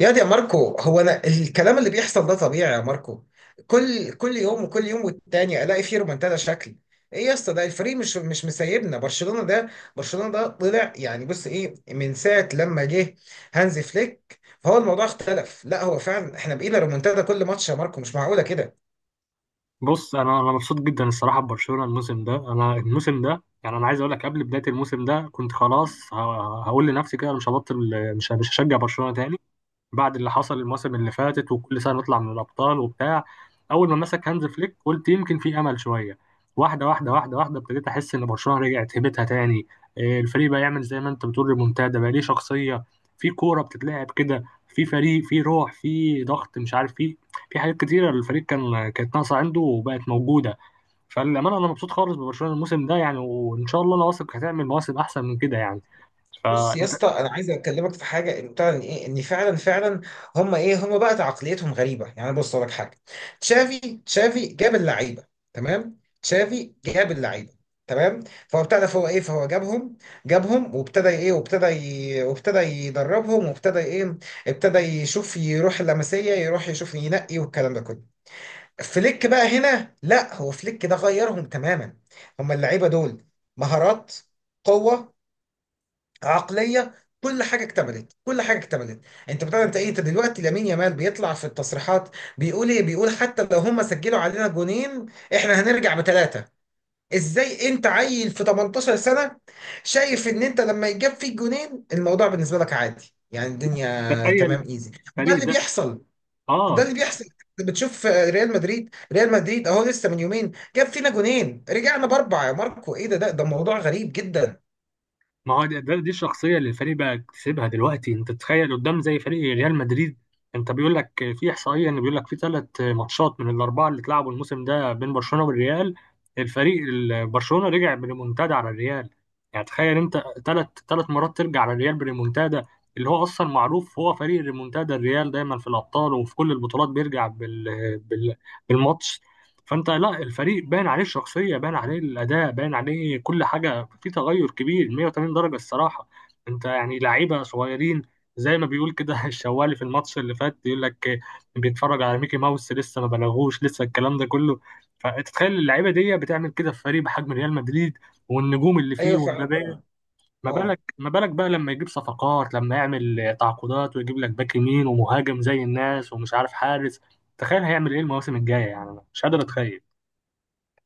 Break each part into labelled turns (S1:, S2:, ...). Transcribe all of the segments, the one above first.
S1: يا دي يا ماركو، هو انا الكلام اللي بيحصل ده طبيعي يا ماركو؟ كل يوم وكل يوم، والتاني الاقي فيه رومنتادا. شكل ايه يا اسطى؟ ده الفريق مش مسيبنا. برشلونة ده، برشلونة ده طلع يعني، بص ايه، من ساعة لما جه هانزي فليك فهو الموضوع اختلف. لا هو فعلا احنا بقينا رومنتادا كل ماتش يا ماركو، مش معقولة كده.
S2: بص انا مبسوط جدا الصراحه ببرشلونه الموسم ده يعني انا عايز اقول لك قبل بدايه الموسم ده كنت خلاص هقول لنفسي كده أنا مش هبطل مش هشجع برشلونه تاني. بعد اللي حصل الموسم اللي فاتت وكل سنه نطلع من الابطال وبتاع. اول ما مسك هانز فليك قلت يمكن في امل شويه. واحده واحده واحده واحده ابتديت احس ان برشلونه رجعت هيبتها تاني. إيه، الفريق بقى يعمل زي ما انت بتقول ريمونتادا، بقى ليه شخصيه، في كوره بتتلعب كده، في فريق، في روح، في ضغط مش عارف. في في حاجات كتيره الفريق كانت ناقصه عنده وبقت موجوده. فالامانه انا مبسوط خالص ببرشلونه الموسم ده يعني، وان شاء الله انا واثق هتعمل مواسم احسن من كده يعني.
S1: بص يا
S2: فانت
S1: اسطى، انا عايز اكلمك في حاجه، ان بتاع، ان ايه، ان فعلا. هم ايه، هم بقى عقليتهم غريبه يعني. بص أقول لك حاجه، تشافي تشافي جاب اللعيبه. تمام، تشافي جاب اللعيبه، تمام. فهو ابتدى، فهو ايه، فهو جابهم. جابهم وابتدى ايه، وابتدى يدربهم وابتدى ايه. ابتدى يشوف، يروح اللمسيه، يروح يشوف ينقي والكلام ده كله. فليك بقى هنا، لا هو فليك ده غيرهم تماما. هم اللعيبه دول: مهارات، قوه، عقليه، كل حاجه اكتملت، كل حاجه اكتملت. انت بتاع، انت ايه، انت دلوقتي لامين يامال بيطلع في التصريحات، بيقول ايه، بيقول حتى لو هم سجلوا علينا جونين احنا هنرجع بثلاثه. ازاي انت عيل في 18 سنه شايف ان انت لما يجاب فيك جونين الموضوع بالنسبه لك عادي، يعني الدنيا
S2: تخيل
S1: تمام ايزي؟ وده
S2: الفريق
S1: اللي
S2: ده.
S1: بيحصل، ده
S2: اه.
S1: اللي بيحصل. انت بتشوف ريال مدريد، ريال مدريد اهو لسه من يومين جاب فينا جونين رجعنا باربعه يا ماركو. ايه ده، ده موضوع غريب جدا.
S2: ما هو دي الشخصية اللي الفريق بقى اكتسبها دلوقتي. انت تتخيل قدام زي فريق ريال مدريد. انت بيقول لك في احصائية ان بيقول لك في ثلاث ماتشات من الاربعة اللي اتلعبوا الموسم ده بين برشلونة والريال، برشلونة رجع بريمونتادا على الريال. يعني تخيل انت ثلاث مرات ترجع على الريال بريمونتادا، اللي هو اصلا معروف هو فريق ريمونتادا الريال، دايما في الابطال وفي كل البطولات بيرجع بالماتش. فانت لا، الفريق باين عليه الشخصيه، باين عليه الاداء، باين عليه كل حاجه، في تغير كبير 180 درجه الصراحه. انت يعني لعيبه صغيرين، زي ما بيقول كده الشوالي في الماتش اللي فات، يقول لك بيتفرج على ميكي ماوس، لسه ما بلغوش، لسه الكلام ده كله. فتتخيل اللعيبه دي بتعمل كده في فريق بحجم ريال مدريد والنجوم اللي فيه
S1: ايوه فعلا
S2: ومبابي.
S1: طبعا،
S2: ما
S1: اه.
S2: بالك ما بالك بقى لما يجيب صفقات، لما يعمل تعاقدات ويجيب لك باك يمين ومهاجم زي الناس ومش عارف حارس. تخيل هيعمل ايه المواسم الجايه يعني، أنا مش قادر اتخيل.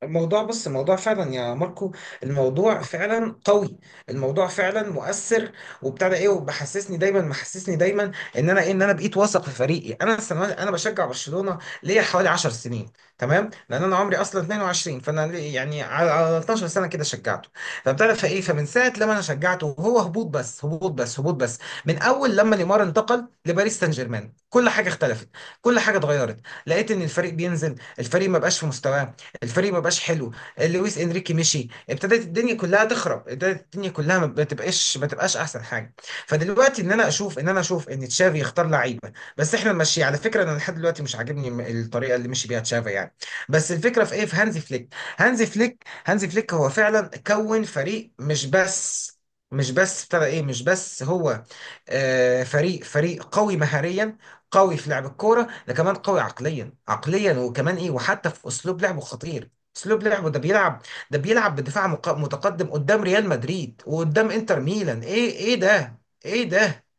S1: الموضوع، بص الموضوع فعلا يا ماركو، الموضوع فعلا قوي، الموضوع فعلا مؤثر. وبتاع ده ايه، وبحسسني دايما، محسسني دايما ان انا ايه، ان انا بقيت واثق في فريقي. انا السنوات، انا بشجع برشلونه ليا حوالي 10 سنين، تمام. لان انا عمري اصلا 22، فانا يعني على 12 سنه كده شجعته. فبتعرف فايه، فمن ساعه لما انا شجعته وهو هبوط بس، هبوط بس، هبوط بس. من اول لما نيمار انتقل لباريس سان جيرمان كل حاجه اختلفت، كل حاجه اتغيرت. لقيت ان الفريق بينزل، الفريق ما بقاش في مستواه، الفريق ما بقاش حلو. لويس انريكي مشي، ابتدت الدنيا كلها تخرب، ابتدت الدنيا كلها ما بتبقاش، ما تبقاش احسن حاجه. فدلوقتي ان انا اشوف، ان انا اشوف ان تشافي يختار لعيبه، بس احنا ماشي. على فكره انا لحد دلوقتي مش عاجبني الطريقه اللي مشي بيها تشافي يعني. بس الفكره في ايه، في هانزي فليك. هانزي فليك هو فعلا كون فريق. مش بس، مش بس ابتدى ايه، مش بس هو آه فريق قوي مهاريا، قوي في لعب الكوره، ده كمان قوي عقليا وكمان ايه، وحتى في اسلوب لعبه خطير. اسلوب لعبه ده بيلعب بدفاع متقدم قدام ريال مدريد وقدام انتر ميلان. ايه، ايه ده، ايه ده.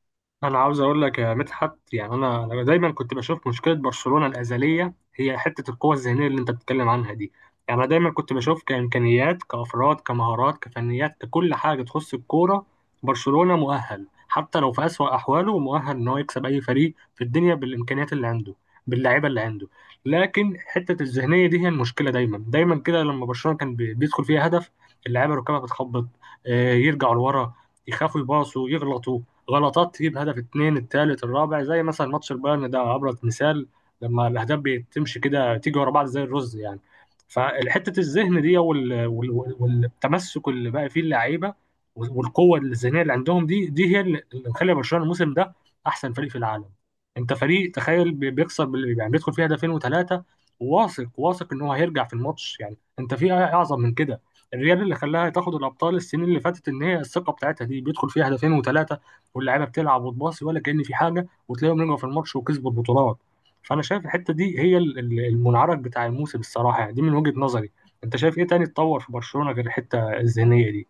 S2: انا عاوز اقول لك يا مدحت يعني انا دايما كنت بشوف مشكله برشلونه الازليه هي حته القوه الذهنيه اللي انت بتتكلم عنها دي. يعني انا دايما كنت بشوف كامكانيات، كافراد، كمهارات، كفنيات، ككل حاجه تخص الكوره. برشلونه مؤهل حتى لو في اسوأ احواله، مؤهل ان هو يكسب اي فريق في الدنيا بالامكانيات اللي عنده، باللعيبه اللي عنده. لكن حته الذهنيه دي هي المشكله دايما. دايما كده لما برشلونه كان بيدخل فيها هدف اللعيبه ركبها بتخبط، آه، يرجعوا لورا، يخافوا يباصوا، يغلطوا غلطات تجيب هدف اتنين التالت الرابع، زي مثلا ماتش البايرن ده ابرز مثال. لما الاهداف بتمشي كده تيجي ورا بعض زي الرز يعني. فحته الذهن دي والتمسك اللي بقى فيه اللعيبه والقوه الذهنيه اللي عندهم دي، دي هي اللي مخلي برشلونه الموسم ده احسن فريق في العالم. انت فريق تخيل بيخسر يعني بيدخل فيه هدفين وثلاثه، واثق واثق ان هو هيرجع في الماتش. يعني انت في اعظم من كده؟ الريال اللي خلاها تاخد الابطال السنين اللي فاتت ان هي الثقه بتاعتها دي، بيدخل فيها هدفين وثلاثه واللعيبه بتلعب وتباصي ولا كأن في حاجه، وتلاقيهم رجعوا في الماتش وكسبوا البطولات. فانا شايف الحته دي هي المنعرج بتاع الموسم الصراحه يعني، دي من وجهه نظري. انت شايف ايه تاني اتطور في برشلونه غير الحته الذهنيه دي؟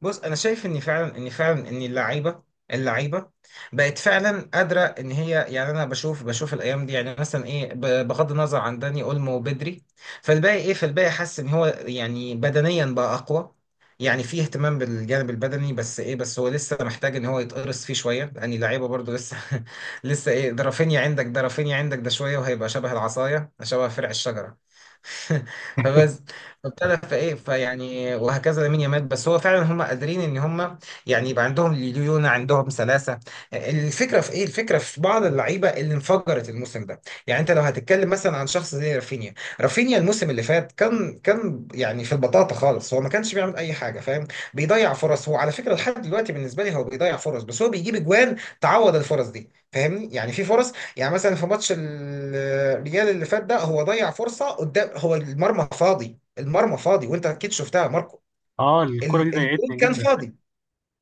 S1: بص انا شايف ان فعلا، ان فعلا ان اللعيبه، اللعيبه بقت فعلا قادره ان هي. يعني انا بشوف، الايام دي يعني مثلا ايه، بغض النظر عن داني اولمو وبدري. فالباقي ايه، فالباقي حاسس ان هو يعني بدنيا بقى اقوى. يعني فيه اهتمام بالجانب البدني. بس ايه، بس هو لسه محتاج ان هو يتقرص فيه شويه، لان اللعيبه برضو لسه. لسه ايه، ده رافينيا عندك، ده رافينيا عندك ده شويه وهيبقى شبه العصايه، شبه فرع الشجره. فبس، فابتدى، فايه، فيعني، وهكذا لامين يامال. بس هو فعلا هم قادرين ان هم يعني يبقى عندهم ليونة، عندهم سلاسة. الفكرة في ايه، الفكرة في بعض اللعيبة اللي انفجرت الموسم ده. يعني انت لو هتتكلم مثلا عن شخص زي رافينيا، رافينيا الموسم اللي فات كان يعني في البطاطا خالص، هو ما كانش بيعمل اي حاجة فاهم. بيضيع فرص. هو على فكرة لحد دلوقتي بالنسبة لي هو بيضيع فرص، بس هو بيجيب اجوان تعوض الفرص دي فاهمني، يعني في فرص. يعني مثلا في ماتش الريال اللي فات ده، هو ضيع فرصة قدام هو المرمى فاضي، المرمى فاضي، وانت اكيد شفتها يا ماركو.
S2: اه الكره دي
S1: الجون
S2: ضايقتني
S1: كان
S2: جدا.
S1: فاضي،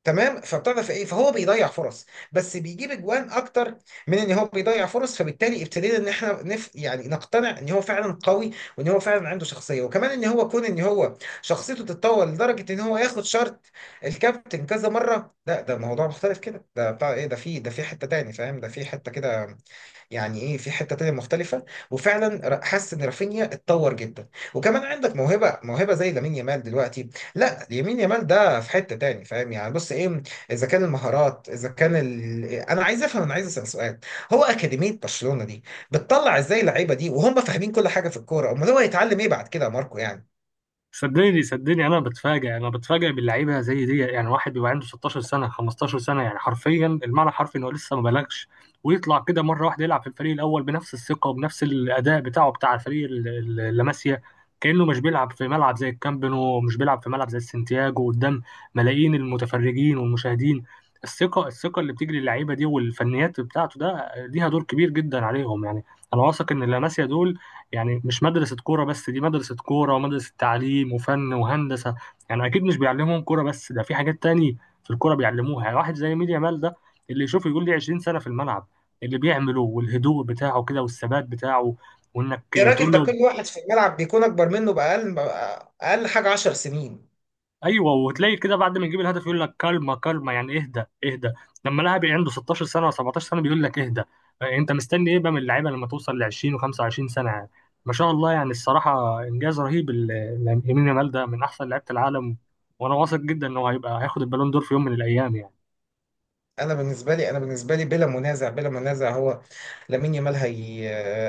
S1: تمام. فبتعرف ايه، فهو بيضيع فرص بس بيجيب اجوان اكتر من ان هو بيضيع فرص. فبالتالي ابتدينا ان احنا نف يعني نقتنع ان هو فعلا قوي، وان هو فعلا عنده شخصيه، وكمان ان هو كون ان هو شخصيته تتطور لدرجه ان هو ياخد شارت الكابتن كذا مره. لا ده موضوع مختلف كده، ده بتاع ايه، ده في، ده في حته تاني فاهم، ده في حته كده. يعني ايه، في حته تانية مختلفه. وفعلا حاسس ان رافينيا اتطور جدا. وكمان عندك موهبه، زي لامين يامال دلوقتي. لا يمين يامال ده في حته تاني فاهم، يعني بص ايه. اذا كان المهارات، اذا كان ال... انا عايز افهم، انا عايز اسال سؤال. هو اكاديميه برشلونه دي بتطلع ازاي اللعيبه دي وهم فاهمين كل حاجه في الكوره؟ امال هو هيتعلم ايه بعد كده يا ماركو يعني.
S2: صدقني صدقني انا بتفاجئ، انا بتفاجئ باللعيبه زي دي. يعني واحد بيبقى عنده 16 سنه 15 سنه، يعني حرفيا، المعنى حرفي انه لسه ما بلغش، ويطلع كده مره واحده يلعب في الفريق الاول بنفس الثقه وبنفس الاداء بتاعه بتاع الفريق اللي ماشيه. كانه مش بيلعب في ملعب زي الكامب نو، ومش بيلعب في ملعب زي السنتياجو قدام ملايين المتفرجين والمشاهدين. الثقه، الثقه اللي بتجري اللعيبه دي والفنيات بتاعته، ده ليها دور كبير جدا عليهم يعني. انا واثق ان اللاماسيا دول يعني مش مدرسة كورة بس، دي مدرسة كورة ومدرسة تعليم وفن وهندسة. يعني أكيد مش بيعلمهم كورة بس، ده في حاجات تاني في الكورة بيعلموها. يعني واحد زي ميديا مال ده، اللي يشوف يقول لي 20 سنة في الملعب اللي بيعمله، والهدوء بتاعه كده والثبات بتاعه، وإنك
S1: يا راجل،
S2: تقول
S1: ده
S2: له
S1: كل واحد في الملعب بيكون اكبر منه باقل، اقل حاجه 10 سنين.
S2: ايوه، وتلاقي كده بعد ما يجيب الهدف يقول لك كلمه كلمه، يعني اهدى اهدى. لما لاعب عنده 16 سنه و 17 سنه بيقول لك اهدى، آه، انت مستني ايه بقى من اللعيبه لما توصل ل 20 و25 سنه يعني؟ ما شاء الله، يعني الصراحه انجاز رهيب يمين يامال ده من احسن لعيبه العالم، وانا واثق جدا انه هيبقى هياخد البالون دور في يوم من الايام يعني.
S1: انا بالنسبه لي، انا بالنسبه لي بلا منازع، بلا منازع هو لامين يامال، هي.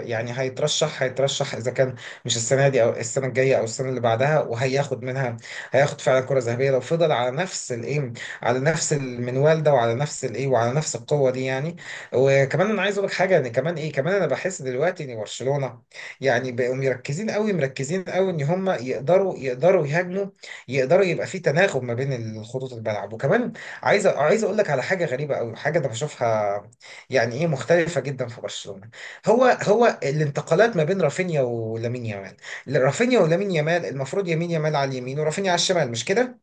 S1: يعني هيترشح، هيترشح اذا كان مش السنه دي او السنه الجايه او السنه اللي بعدها، وهياخد منها، هياخد فعلا كره ذهبيه لو فضل على نفس الايه، على نفس المنوال ده، وعلى نفس الايه، وعلى نفس القوه دي يعني. وكمان انا عايز اقول لك حاجه، ان كمان ايه، كمان انا بحس دلوقتي ان برشلونه يعني بقوا مركزين قوي، مركزين قوي ان هم يقدروا، يقدروا يهاجموا، يقدروا يبقى في تناغم ما بين الخطوط الملعب. وكمان عايز اقول لك على حاجه غريبه قوي، حاجه انا بشوفها يعني ايه مختلفه جدا في برشلونه. هو الانتقالات ما بين رافينيا ولامين يامال. رافينيا ولامين يامال، المفروض يمين يامال على اليمين ورافينيا على الشمال مش كده؟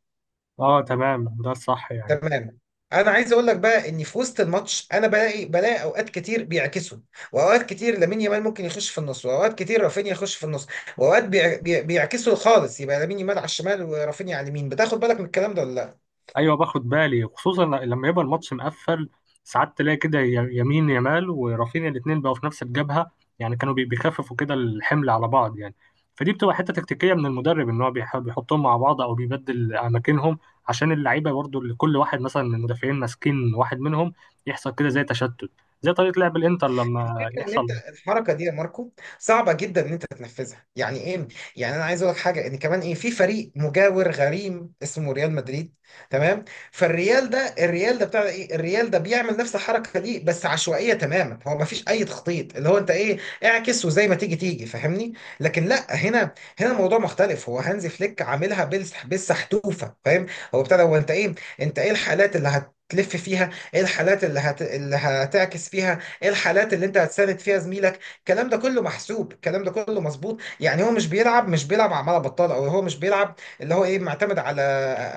S2: اه تمام ده الصح يعني.
S1: تمام. انا عايز اقول لك بقى ان في وسط الماتش انا بلاقي، بلاقي اوقات كتير بيعكسوا. واوقات كتير لامين يامال ممكن يخش في النص، واوقات كتير رافينيا يخش في النص. واوقات بيعكسوا خالص، يبقى لامين يامال على الشمال ورافينيا على اليمين. بتاخد بالك من الكلام ده ولا لا؟
S2: ايوه باخد بالي، خصوصا لما يبقى الماتش مقفل ساعات تلاقي كده يمين يمال ورافينيا الاثنين بقوا في نفس الجبهه، يعني كانوا بيخففوا كده الحمل على بعض يعني. فدي بتبقى حته تكتيكيه من المدرب، ان هو بيحطهم مع بعض او بيبدل اماكنهم عشان اللعيبه برضو، اللي كل واحد مثلا من المدافعين ماسكين واحد منهم، يحصل كده زي تشتت، زي طريقه لعب الانتر لما
S1: الفكره ان
S2: يحصل.
S1: انت الحركه دي يا ماركو صعبه جدا ان انت تنفذها يعني ايه. يعني انا عايز اقول لك حاجه، ان كمان ايه، في فريق مجاور غريم اسمه ريال مدريد، تمام. فالريال ده، الريال ده بتاع ايه، الريال ده بيعمل نفس الحركه دي بس عشوائيه تماما، هو ما فيش اي تخطيط، اللي هو انت ايه، اعكس وزي ما تيجي تيجي فاهمني. لكن لا، هنا، هنا الموضوع مختلف، هو هانزي فليك عاملها بالسحتوفه فاهم. هو بتاع ده، هو انت ايه، انت ايه الحالات اللي هتلف فيها، ايه الحالات اللي هت... اللي هتعكس فيها، ايه الحالات اللي انت هتساند فيها زميلك. الكلام ده كله محسوب، الكلام ده كله مظبوط يعني. هو مش بيلعب، مش بيلعب عمالة بطال، او هو مش بيلعب اللي هو ايه معتمد على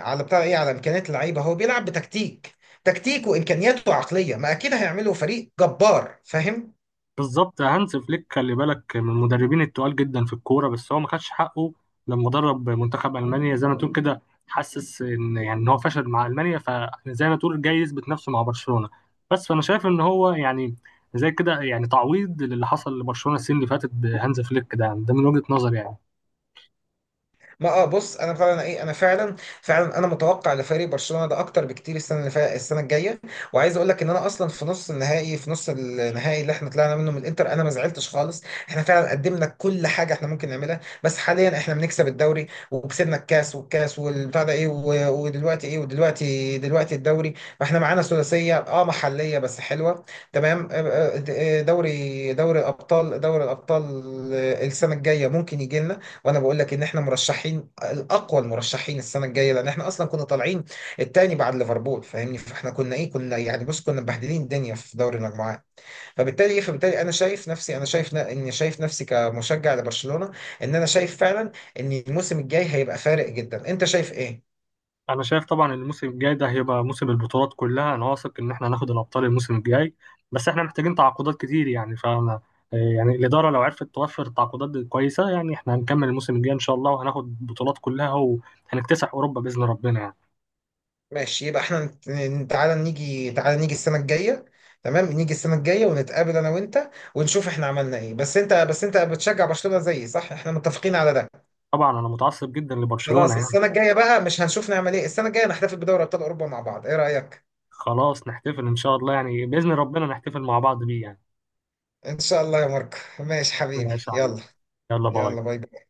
S1: بتاع ايه، على امكانيات اللعيبه. هو بيلعب بتكتيك، تكتيك وامكانياته عقليه، ما اكيد هيعملوا فريق جبار فاهم.
S2: بالظبط، هانز فليك خلي بالك من المدربين التقال جدا في الكوره، بس هو ما خدش حقه لما درب منتخب المانيا. زي ما تقول كده، حسس ان يعني ان هو فشل مع المانيا، فزي ما تقول جاي يثبت نفسه مع برشلونه. بس فانا شايف ان هو يعني زي كده يعني تعويض للي حصل لبرشلونه السنه اللي فاتت بهانز فليك ده، يعني ده من وجهه نظري يعني.
S1: ما اه، بص انا فعلا ايه، انا فعلا، فعلا انا متوقع لفريق برشلونه ده اكتر بكتير. السنه اللي فا... السنه الجايه، وعايز اقول لك ان انا اصلا في نص النهائي، في نص النهائي اللي احنا طلعنا منه من الانتر، انا ما زعلتش خالص. احنا فعلا قدمنا كل حاجه احنا ممكن نعملها، بس حاليا احنا بنكسب الدوري، وكسبنا الكاس، والكاس والبتاع ده ايه، و... ودلوقتي ايه، ودلوقتي، دلوقتي الدوري. فاحنا معانا ثلاثيه اه محليه بس حلوه، تمام. آه، آه، آه، دوري، دوري ابطال، دوري الابطال آه. السنه الجايه ممكن يجي لنا. وانا بقول لك ان احنا مرشحين الاقوى، المرشحين السنه الجايه، لان احنا اصلا كنا طالعين التاني بعد ليفربول فاهمني. فاحنا كنا ايه، كنا يعني بص كنا مبهدلين الدنيا في دوري المجموعات. فبالتالي ايه، فبالتالي انا شايف نفسي، انا شايف اني شايف نفسي كمشجع لبرشلونه، ان انا شايف فعلا ان الموسم الجاي هيبقى فارق جدا. انت شايف ايه؟
S2: انا شايف طبعا الموسم الجاي ده هيبقى موسم البطولات كلها، انا واثق ان احنا هناخد الابطال الموسم الجاي، بس احنا محتاجين تعاقدات كتير يعني. فانا يعني الاداره لو عرفت توفر تعاقدات كويسه، يعني احنا هنكمل الموسم الجاي ان شاء الله وهناخد البطولات كلها وهنكتسح اوروبا باذن ربنا يعني.
S1: ماشي، يبقى احنا تعالى نيجي، تعالى نيجي السنه الجايه، تمام. نيجي السنه الجايه ونتقابل انا وانت ونشوف احنا عملنا ايه. بس انت، بس انت بتشجع برشلونه زيي صح، احنا متفقين على ده؟
S2: طبعا انا متعصب جدا لبرشلونه
S1: خلاص
S2: يعني.
S1: السنة الجاية بقى، مش هنشوف نعمل ايه؟ السنة الجاية نحتفل بدوري ابطال اوروبا مع بعض، ايه رأيك؟
S2: خلاص نحتفل ان شاء الله يعني، باذن ربنا نحتفل مع بعض بيه يعني.
S1: ان شاء الله يا ماركو، ماشي حبيبي،
S2: ماشي يا علي.
S1: يلا.
S2: يلا باي.
S1: يلا باي باي.